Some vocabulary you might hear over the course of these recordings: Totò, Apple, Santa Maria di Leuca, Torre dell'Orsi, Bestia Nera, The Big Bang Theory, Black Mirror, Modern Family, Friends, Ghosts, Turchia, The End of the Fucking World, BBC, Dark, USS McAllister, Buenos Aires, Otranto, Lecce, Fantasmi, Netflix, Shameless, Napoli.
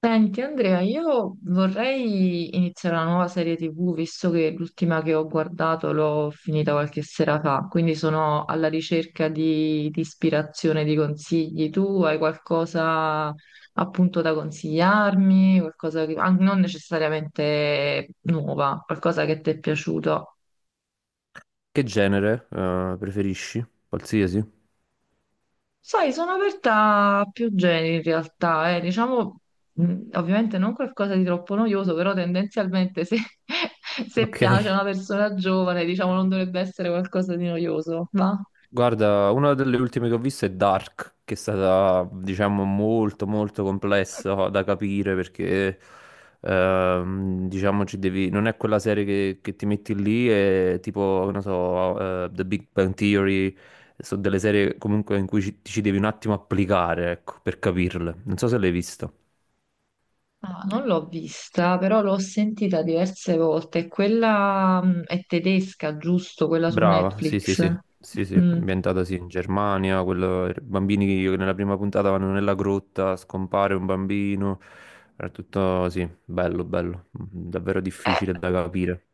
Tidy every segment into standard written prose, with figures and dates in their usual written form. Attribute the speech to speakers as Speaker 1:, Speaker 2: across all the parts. Speaker 1: Senti Andrea, io vorrei iniziare una nuova serie TV, visto che l'ultima che ho guardato l'ho finita qualche sera fa, quindi sono alla ricerca di ispirazione, di consigli. Tu hai qualcosa appunto da consigliarmi, qualcosa che, non necessariamente nuova, qualcosa che ti è piaciuto?
Speaker 2: Che genere, preferisci? Qualsiasi?
Speaker 1: Sai, sono aperta a più generi in realtà, eh. Diciamo, ovviamente non qualcosa di troppo noioso, però tendenzialmente se, se
Speaker 2: Ok.
Speaker 1: piace a una persona giovane, diciamo, non dovrebbe essere qualcosa di noioso, va?
Speaker 2: Guarda, una delle ultime che ho visto è Dark, che è stata, diciamo, molto molto complessa da capire perché diciamo, ci devi non è quella serie che ti metti lì e tipo, non so, The Big Bang Theory, sono delle serie comunque in cui ci, ti ci devi un attimo applicare, ecco, per capirle. Non so se l'hai vista.
Speaker 1: Ah, non l'ho vista, però l'ho sentita diverse volte. Quella, è tedesca, giusto? Quella su
Speaker 2: Brava, sì, sì,
Speaker 1: Netflix.
Speaker 2: sì, sì, sì,
Speaker 1: Mm.
Speaker 2: ambientata sì in Germania, quello, bambini che nella prima puntata vanno nella grotta, scompare un bambino, era tutto, sì, bello, bello, davvero
Speaker 1: Eh,
Speaker 2: difficile da capire.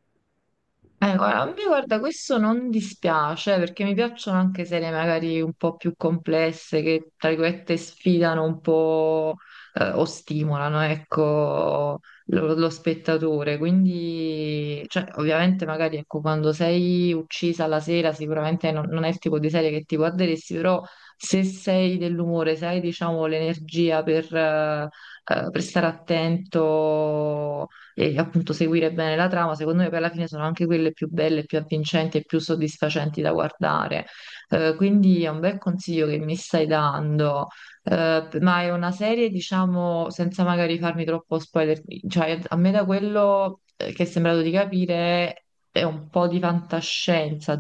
Speaker 1: Guarda, a me guarda, questo non dispiace perché mi piacciono anche serie magari un po' più complesse che tra virgolette sfidano un po' o stimolano, ecco, lo spettatore. Quindi, cioè, ovviamente magari ecco, quando sei uccisa la sera sicuramente non è il tipo di serie che ti guarderesti, però se sei dell'umore, se hai diciamo l'energia per stare attento e appunto seguire bene la trama, secondo me poi alla fine sono anche quelle più belle, più avvincenti e più soddisfacenti da guardare. Quindi è un bel consiglio che mi stai dando. Ma è una serie, diciamo, senza magari farmi troppo spoiler, cioè a me da quello che è sembrato di capire è un po' di fantascienza,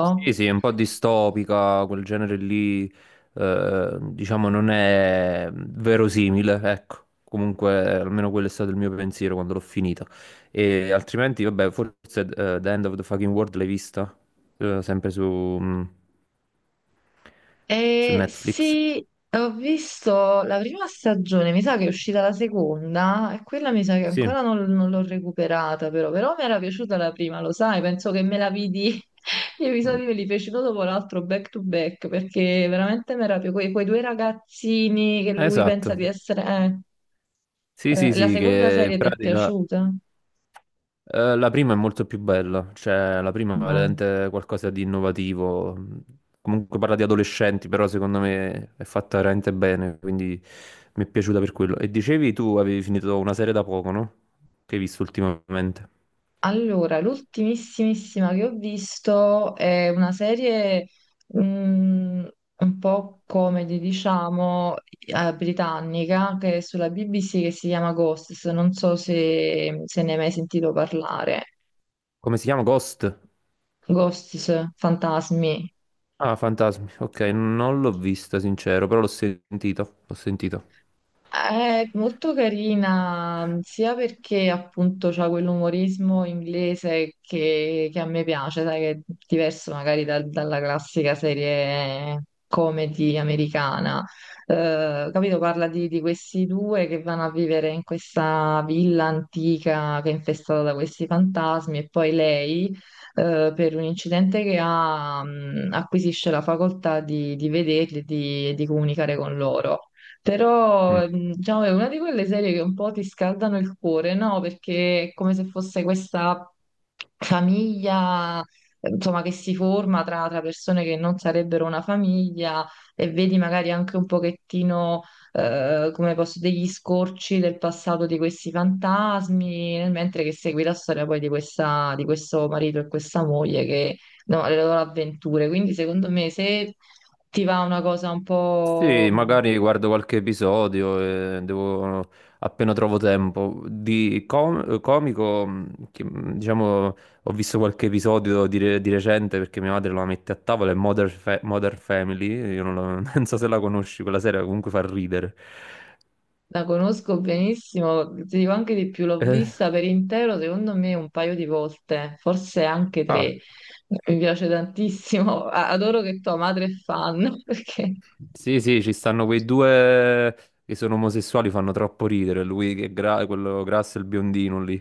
Speaker 2: Sì, sì, è un po' distopica, quel genere lì, diciamo, non è verosimile, ecco. Comunque, almeno quello è stato il mio pensiero quando l'ho finita. E altrimenti, vabbè, forse The End of the Fucking World l'hai vista? Sempre su, mm, su Netflix.
Speaker 1: Sì, ho visto la prima stagione, mi sa che è uscita la seconda e quella mi sa che
Speaker 2: Sì.
Speaker 1: ancora non l'ho recuperata però, però mi era piaciuta la prima, lo sai, penso che me la vidi, gli
Speaker 2: Mm.
Speaker 1: episodi me li feci uno dopo l'altro back to back perché veramente mi era più quei due ragazzini che lui pensa
Speaker 2: Esatto.
Speaker 1: di essere...
Speaker 2: Sì, sì,
Speaker 1: la
Speaker 2: sì,
Speaker 1: seconda
Speaker 2: che in
Speaker 1: serie ti è
Speaker 2: pratica
Speaker 1: piaciuta?
Speaker 2: La prima è molto più bella, cioè la prima è veramente qualcosa di innovativo. Comunque parla di adolescenti, però secondo me è fatta veramente bene, quindi mi è piaciuta per quello. E dicevi tu avevi finito una serie da poco, no? Che hai visto ultimamente.
Speaker 1: Allora, l'ultimissimissima che ho visto è una serie mm, un po' comedy, diciamo, britannica, che è sulla BBC che si chiama Ghosts. Non so se ne hai mai sentito parlare.
Speaker 2: Come si chiama? Ghost?
Speaker 1: Ghosts, fantasmi.
Speaker 2: Ah, Fantasmi. Ok, non l'ho vista, sincero, però l'ho sentito. L'ho sentito.
Speaker 1: È molto carina, sia perché appunto c'ha quell'umorismo inglese che a me piace, sai, che è diverso magari dalla classica serie comedy americana. Capito? Parla di questi due che vanno a vivere in questa villa antica che è infestata da questi fantasmi e poi lei, per un incidente che ha, acquisisce la facoltà di vederli e di comunicare con loro.
Speaker 2: Mm.
Speaker 1: Però, diciamo, è una di quelle serie che un po' ti scaldano il cuore, no? Perché è come se fosse questa famiglia, insomma, che si forma tra persone che non sarebbero una famiglia e vedi magari anche un pochettino, come posso, degli scorci del passato di questi fantasmi, nel mentre che segui la storia poi di questa, di questo marito e questa moglie che, no, le loro avventure. Quindi, secondo me, se ti va una cosa un po'
Speaker 2: Sì, magari guardo qualche episodio e devo, appena trovo tempo. Di comico, che, diciamo, ho visto qualche episodio di, di recente perché mia madre la mette a tavola, è Modern Family, io non, non so se la conosci, quella serie comunque fa ridere.
Speaker 1: la conosco benissimo, ti dico anche di più, l'ho
Speaker 2: Eh,
Speaker 1: vista per intero, secondo me un paio di volte, forse anche
Speaker 2: ah.
Speaker 1: tre. Mi piace tantissimo, adoro che tua madre è fan, perché
Speaker 2: Sì, sì, ci stanno quei due che sono omosessuali, fanno troppo ridere. Lui che è quello grasso e il biondino lì.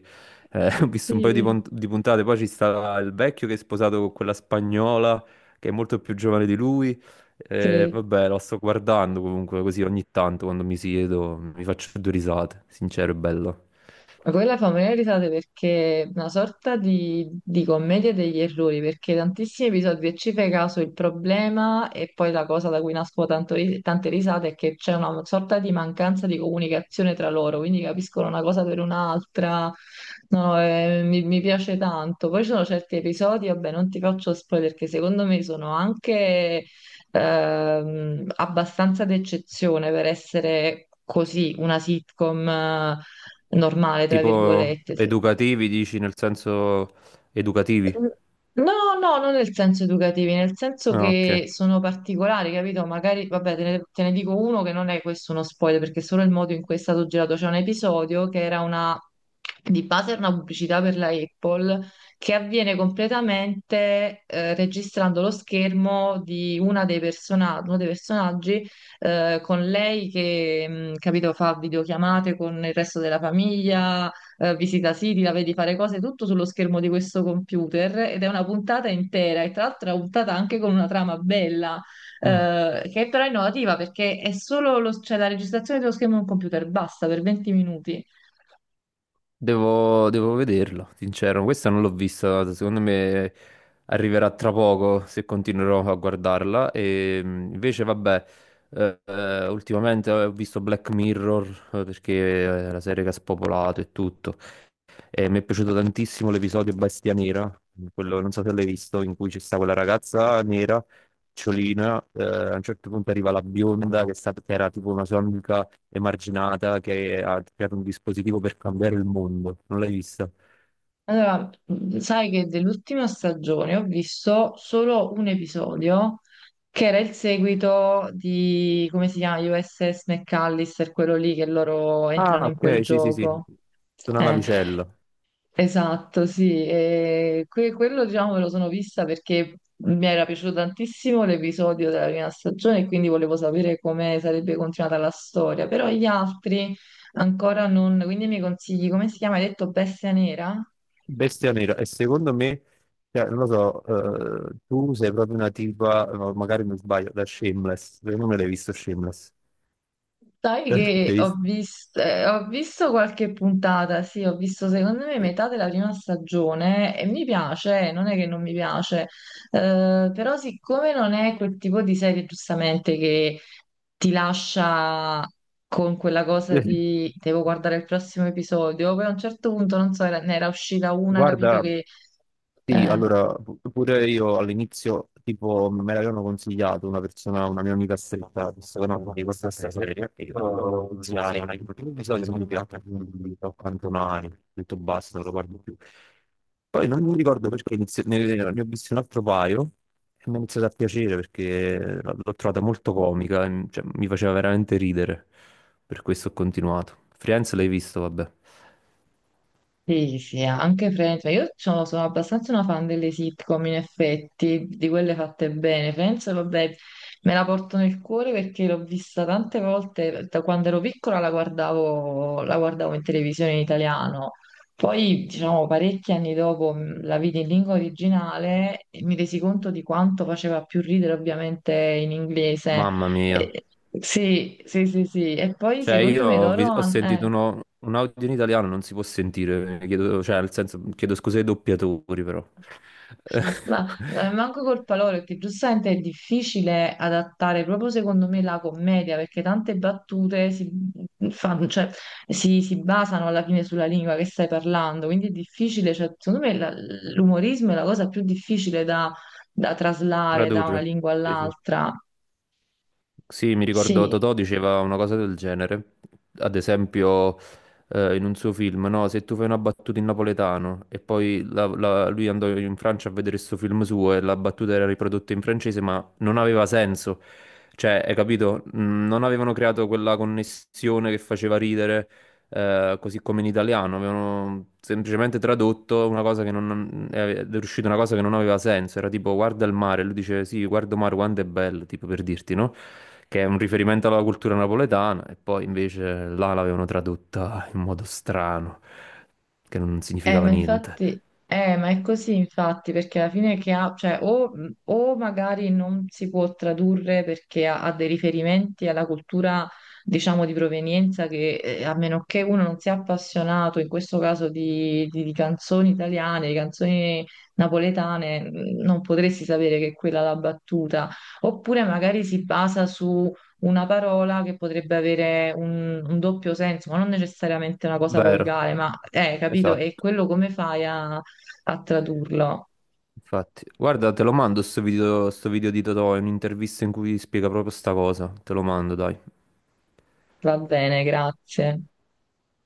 Speaker 2: Ho visto un paio di,
Speaker 1: sì,
Speaker 2: di puntate. Poi ci sta il vecchio che è sposato con quella spagnola che è molto più giovane di lui.
Speaker 1: sì.
Speaker 2: Vabbè, lo sto guardando comunque così ogni tanto quando mi siedo, mi faccio due risate, sincero e bello.
Speaker 1: Ma quella fa morire risate perché è una sorta di commedia degli errori, perché tantissimi episodi e ci fai caso il problema e poi la cosa da cui nascono tante risate è che c'è una sorta di mancanza di comunicazione tra loro, quindi capiscono una cosa per un'altra, no, no, mi, mi piace tanto. Poi ci sono certi episodi, vabbè, non ti faccio spoiler, che secondo me sono anche abbastanza d'eccezione per essere così, una sitcom normale, tra
Speaker 2: Tipo
Speaker 1: virgolette. Sì.
Speaker 2: educativi, dici nel senso educativi?
Speaker 1: No, no, non nel senso educativi, nel senso
Speaker 2: Ah, ok.
Speaker 1: che sono particolari, capito? Magari, vabbè, te ne dico uno che non è questo uno spoiler, perché è solo il modo in cui è stato girato. C'è un episodio che era una, di base era una pubblicità per la Apple, che avviene completamente registrando lo schermo di una uno dei personaggi con lei che, capito, fa videochiamate con il resto della famiglia, visita siti, la vedi fare cose, tutto sullo schermo di questo computer ed è una puntata intera e tra l'altro è una puntata anche con una trama bella, che è però innovativa perché è solo cioè, la registrazione dello schermo di un computer, basta per 20 minuti.
Speaker 2: Devo, devo vederlo, sincero. Questa non l'ho vista, secondo me arriverà tra poco se continuerò a guardarla. E invece, vabbè, ultimamente ho visto Black Mirror perché è la serie che ha spopolato e tutto. E mi è piaciuto tantissimo l'episodio Bestia Nera, quello non so se l'hai visto, in cui ci sta quella ragazza nera, ciolina, a un certo punto arriva la bionda che era tipo una sua amica emarginata che ha creato un dispositivo per cambiare il mondo. Non l'hai vista?
Speaker 1: Allora, sai che dell'ultima stagione ho visto solo un episodio che era il seguito di, come si chiama, USS McAllister, quello lì che loro entrano
Speaker 2: Ah,
Speaker 1: in quel
Speaker 2: ok, sì, sì, sì,
Speaker 1: gioco.
Speaker 2: una
Speaker 1: Eh,
Speaker 2: navicella.
Speaker 1: Esatto, sì, e quello diciamo me lo sono vista perché mi era piaciuto tantissimo l'episodio della prima stagione e quindi volevo sapere come sarebbe continuata la storia, però gli altri ancora non, quindi mi consigli, come si chiama? Hai detto Bestia Nera?
Speaker 2: Bestia nera. E secondo me, cioè, non lo so, tu sei proprio una tipa, no, magari mi sbaglio, da Shameless. Secondo me l'hai visto Shameless.
Speaker 1: Sai che
Speaker 2: L'hai visto?
Speaker 1: ho visto qualche puntata, sì, ho visto secondo me metà della prima stagione e mi piace, non è che non mi piace, però siccome non è quel tipo di serie giustamente che ti lascia con quella cosa
Speaker 2: Eh,
Speaker 1: di devo guardare il prossimo episodio, poi a un certo punto, non so, ne era uscita una, capito
Speaker 2: guarda,
Speaker 1: che...
Speaker 2: sì,
Speaker 1: eh,
Speaker 2: allora, pure io all'inizio, tipo, me l'avevano consigliato una persona, una mia amica stretta, che secondo me di questa serie, e io consigliare, ma i episodi sono pirata, quindi ho cantonati, ho detto basta, non lo guardo più. Poi non mi ricordo perché ne ho visto un altro paio e mi è iniziato a piacere perché l'ho trovata molto comica, e, cioè, mi faceva veramente ridere, per questo ho continuato. Friends l'hai visto, vabbè.
Speaker 1: sì, sì, sì, anche Friends, ma io sono, sono abbastanza una fan delle sitcom in effetti, di quelle fatte bene. Friends, vabbè, me la porto nel cuore perché l'ho vista tante volte, da quando ero piccola la guardavo in televisione in italiano. Poi, diciamo, parecchi anni dopo la vidi in lingua originale e mi resi conto di quanto faceva più ridere ovviamente in inglese.
Speaker 2: Mamma mia.
Speaker 1: Eh, sì, sì, sì, sì. E poi
Speaker 2: Cioè,
Speaker 1: secondo me loro...
Speaker 2: ho sentito
Speaker 1: hanno
Speaker 2: un audio in italiano, non si può sentire, chiedo, cioè, nel senso, chiedo scusa ai doppiatori, però.
Speaker 1: ma manco col palore, perché giustamente è difficile adattare proprio secondo me la commedia, perché tante battute si, fanno, cioè, si basano alla fine sulla lingua che stai parlando, quindi è difficile, cioè, secondo me l'umorismo è la cosa più difficile da, da traslare da una
Speaker 2: Tradurre.
Speaker 1: lingua
Speaker 2: Sì, sì.
Speaker 1: all'altra.
Speaker 2: Sì, mi ricordo
Speaker 1: Sì,
Speaker 2: Totò diceva una cosa del genere, ad esempio in un suo film, no? Se tu fai una battuta in napoletano e poi lui andò in Francia a vedere questo film suo e la battuta era riprodotta in francese, ma non aveva senso, cioè, hai capito? Mm, non avevano creato quella connessione che faceva ridere, così come in italiano, avevano semplicemente tradotto una cosa che non è riuscita una cosa che non aveva senso, era tipo guarda il mare, lui dice sì, guardo mare quanto è bello, tipo per dirti, no? Che è un riferimento alla cultura napoletana, e poi invece là l'avevano tradotta in modo strano, che non
Speaker 1: eh,
Speaker 2: significava
Speaker 1: ma
Speaker 2: niente.
Speaker 1: infatti, ma è così infatti, perché alla fine che ha, cioè, o magari non si può tradurre perché ha, ha dei riferimenti alla cultura, diciamo, di provenienza che, a meno che uno non sia appassionato, in questo caso, di, di canzoni italiane, di canzoni napoletane, non potresti sapere che è quella la battuta. Oppure magari si basa una parola che potrebbe avere un doppio senso, ma non necessariamente una cosa
Speaker 2: Vero,
Speaker 1: volgare, ma capito? E
Speaker 2: esatto.
Speaker 1: quello come fai a, a tradurlo?
Speaker 2: Infatti, guarda, te lo mando sto video di Totò, è un'intervista in cui spiega proprio sta cosa. Te lo mando, dai.
Speaker 1: Va bene, grazie.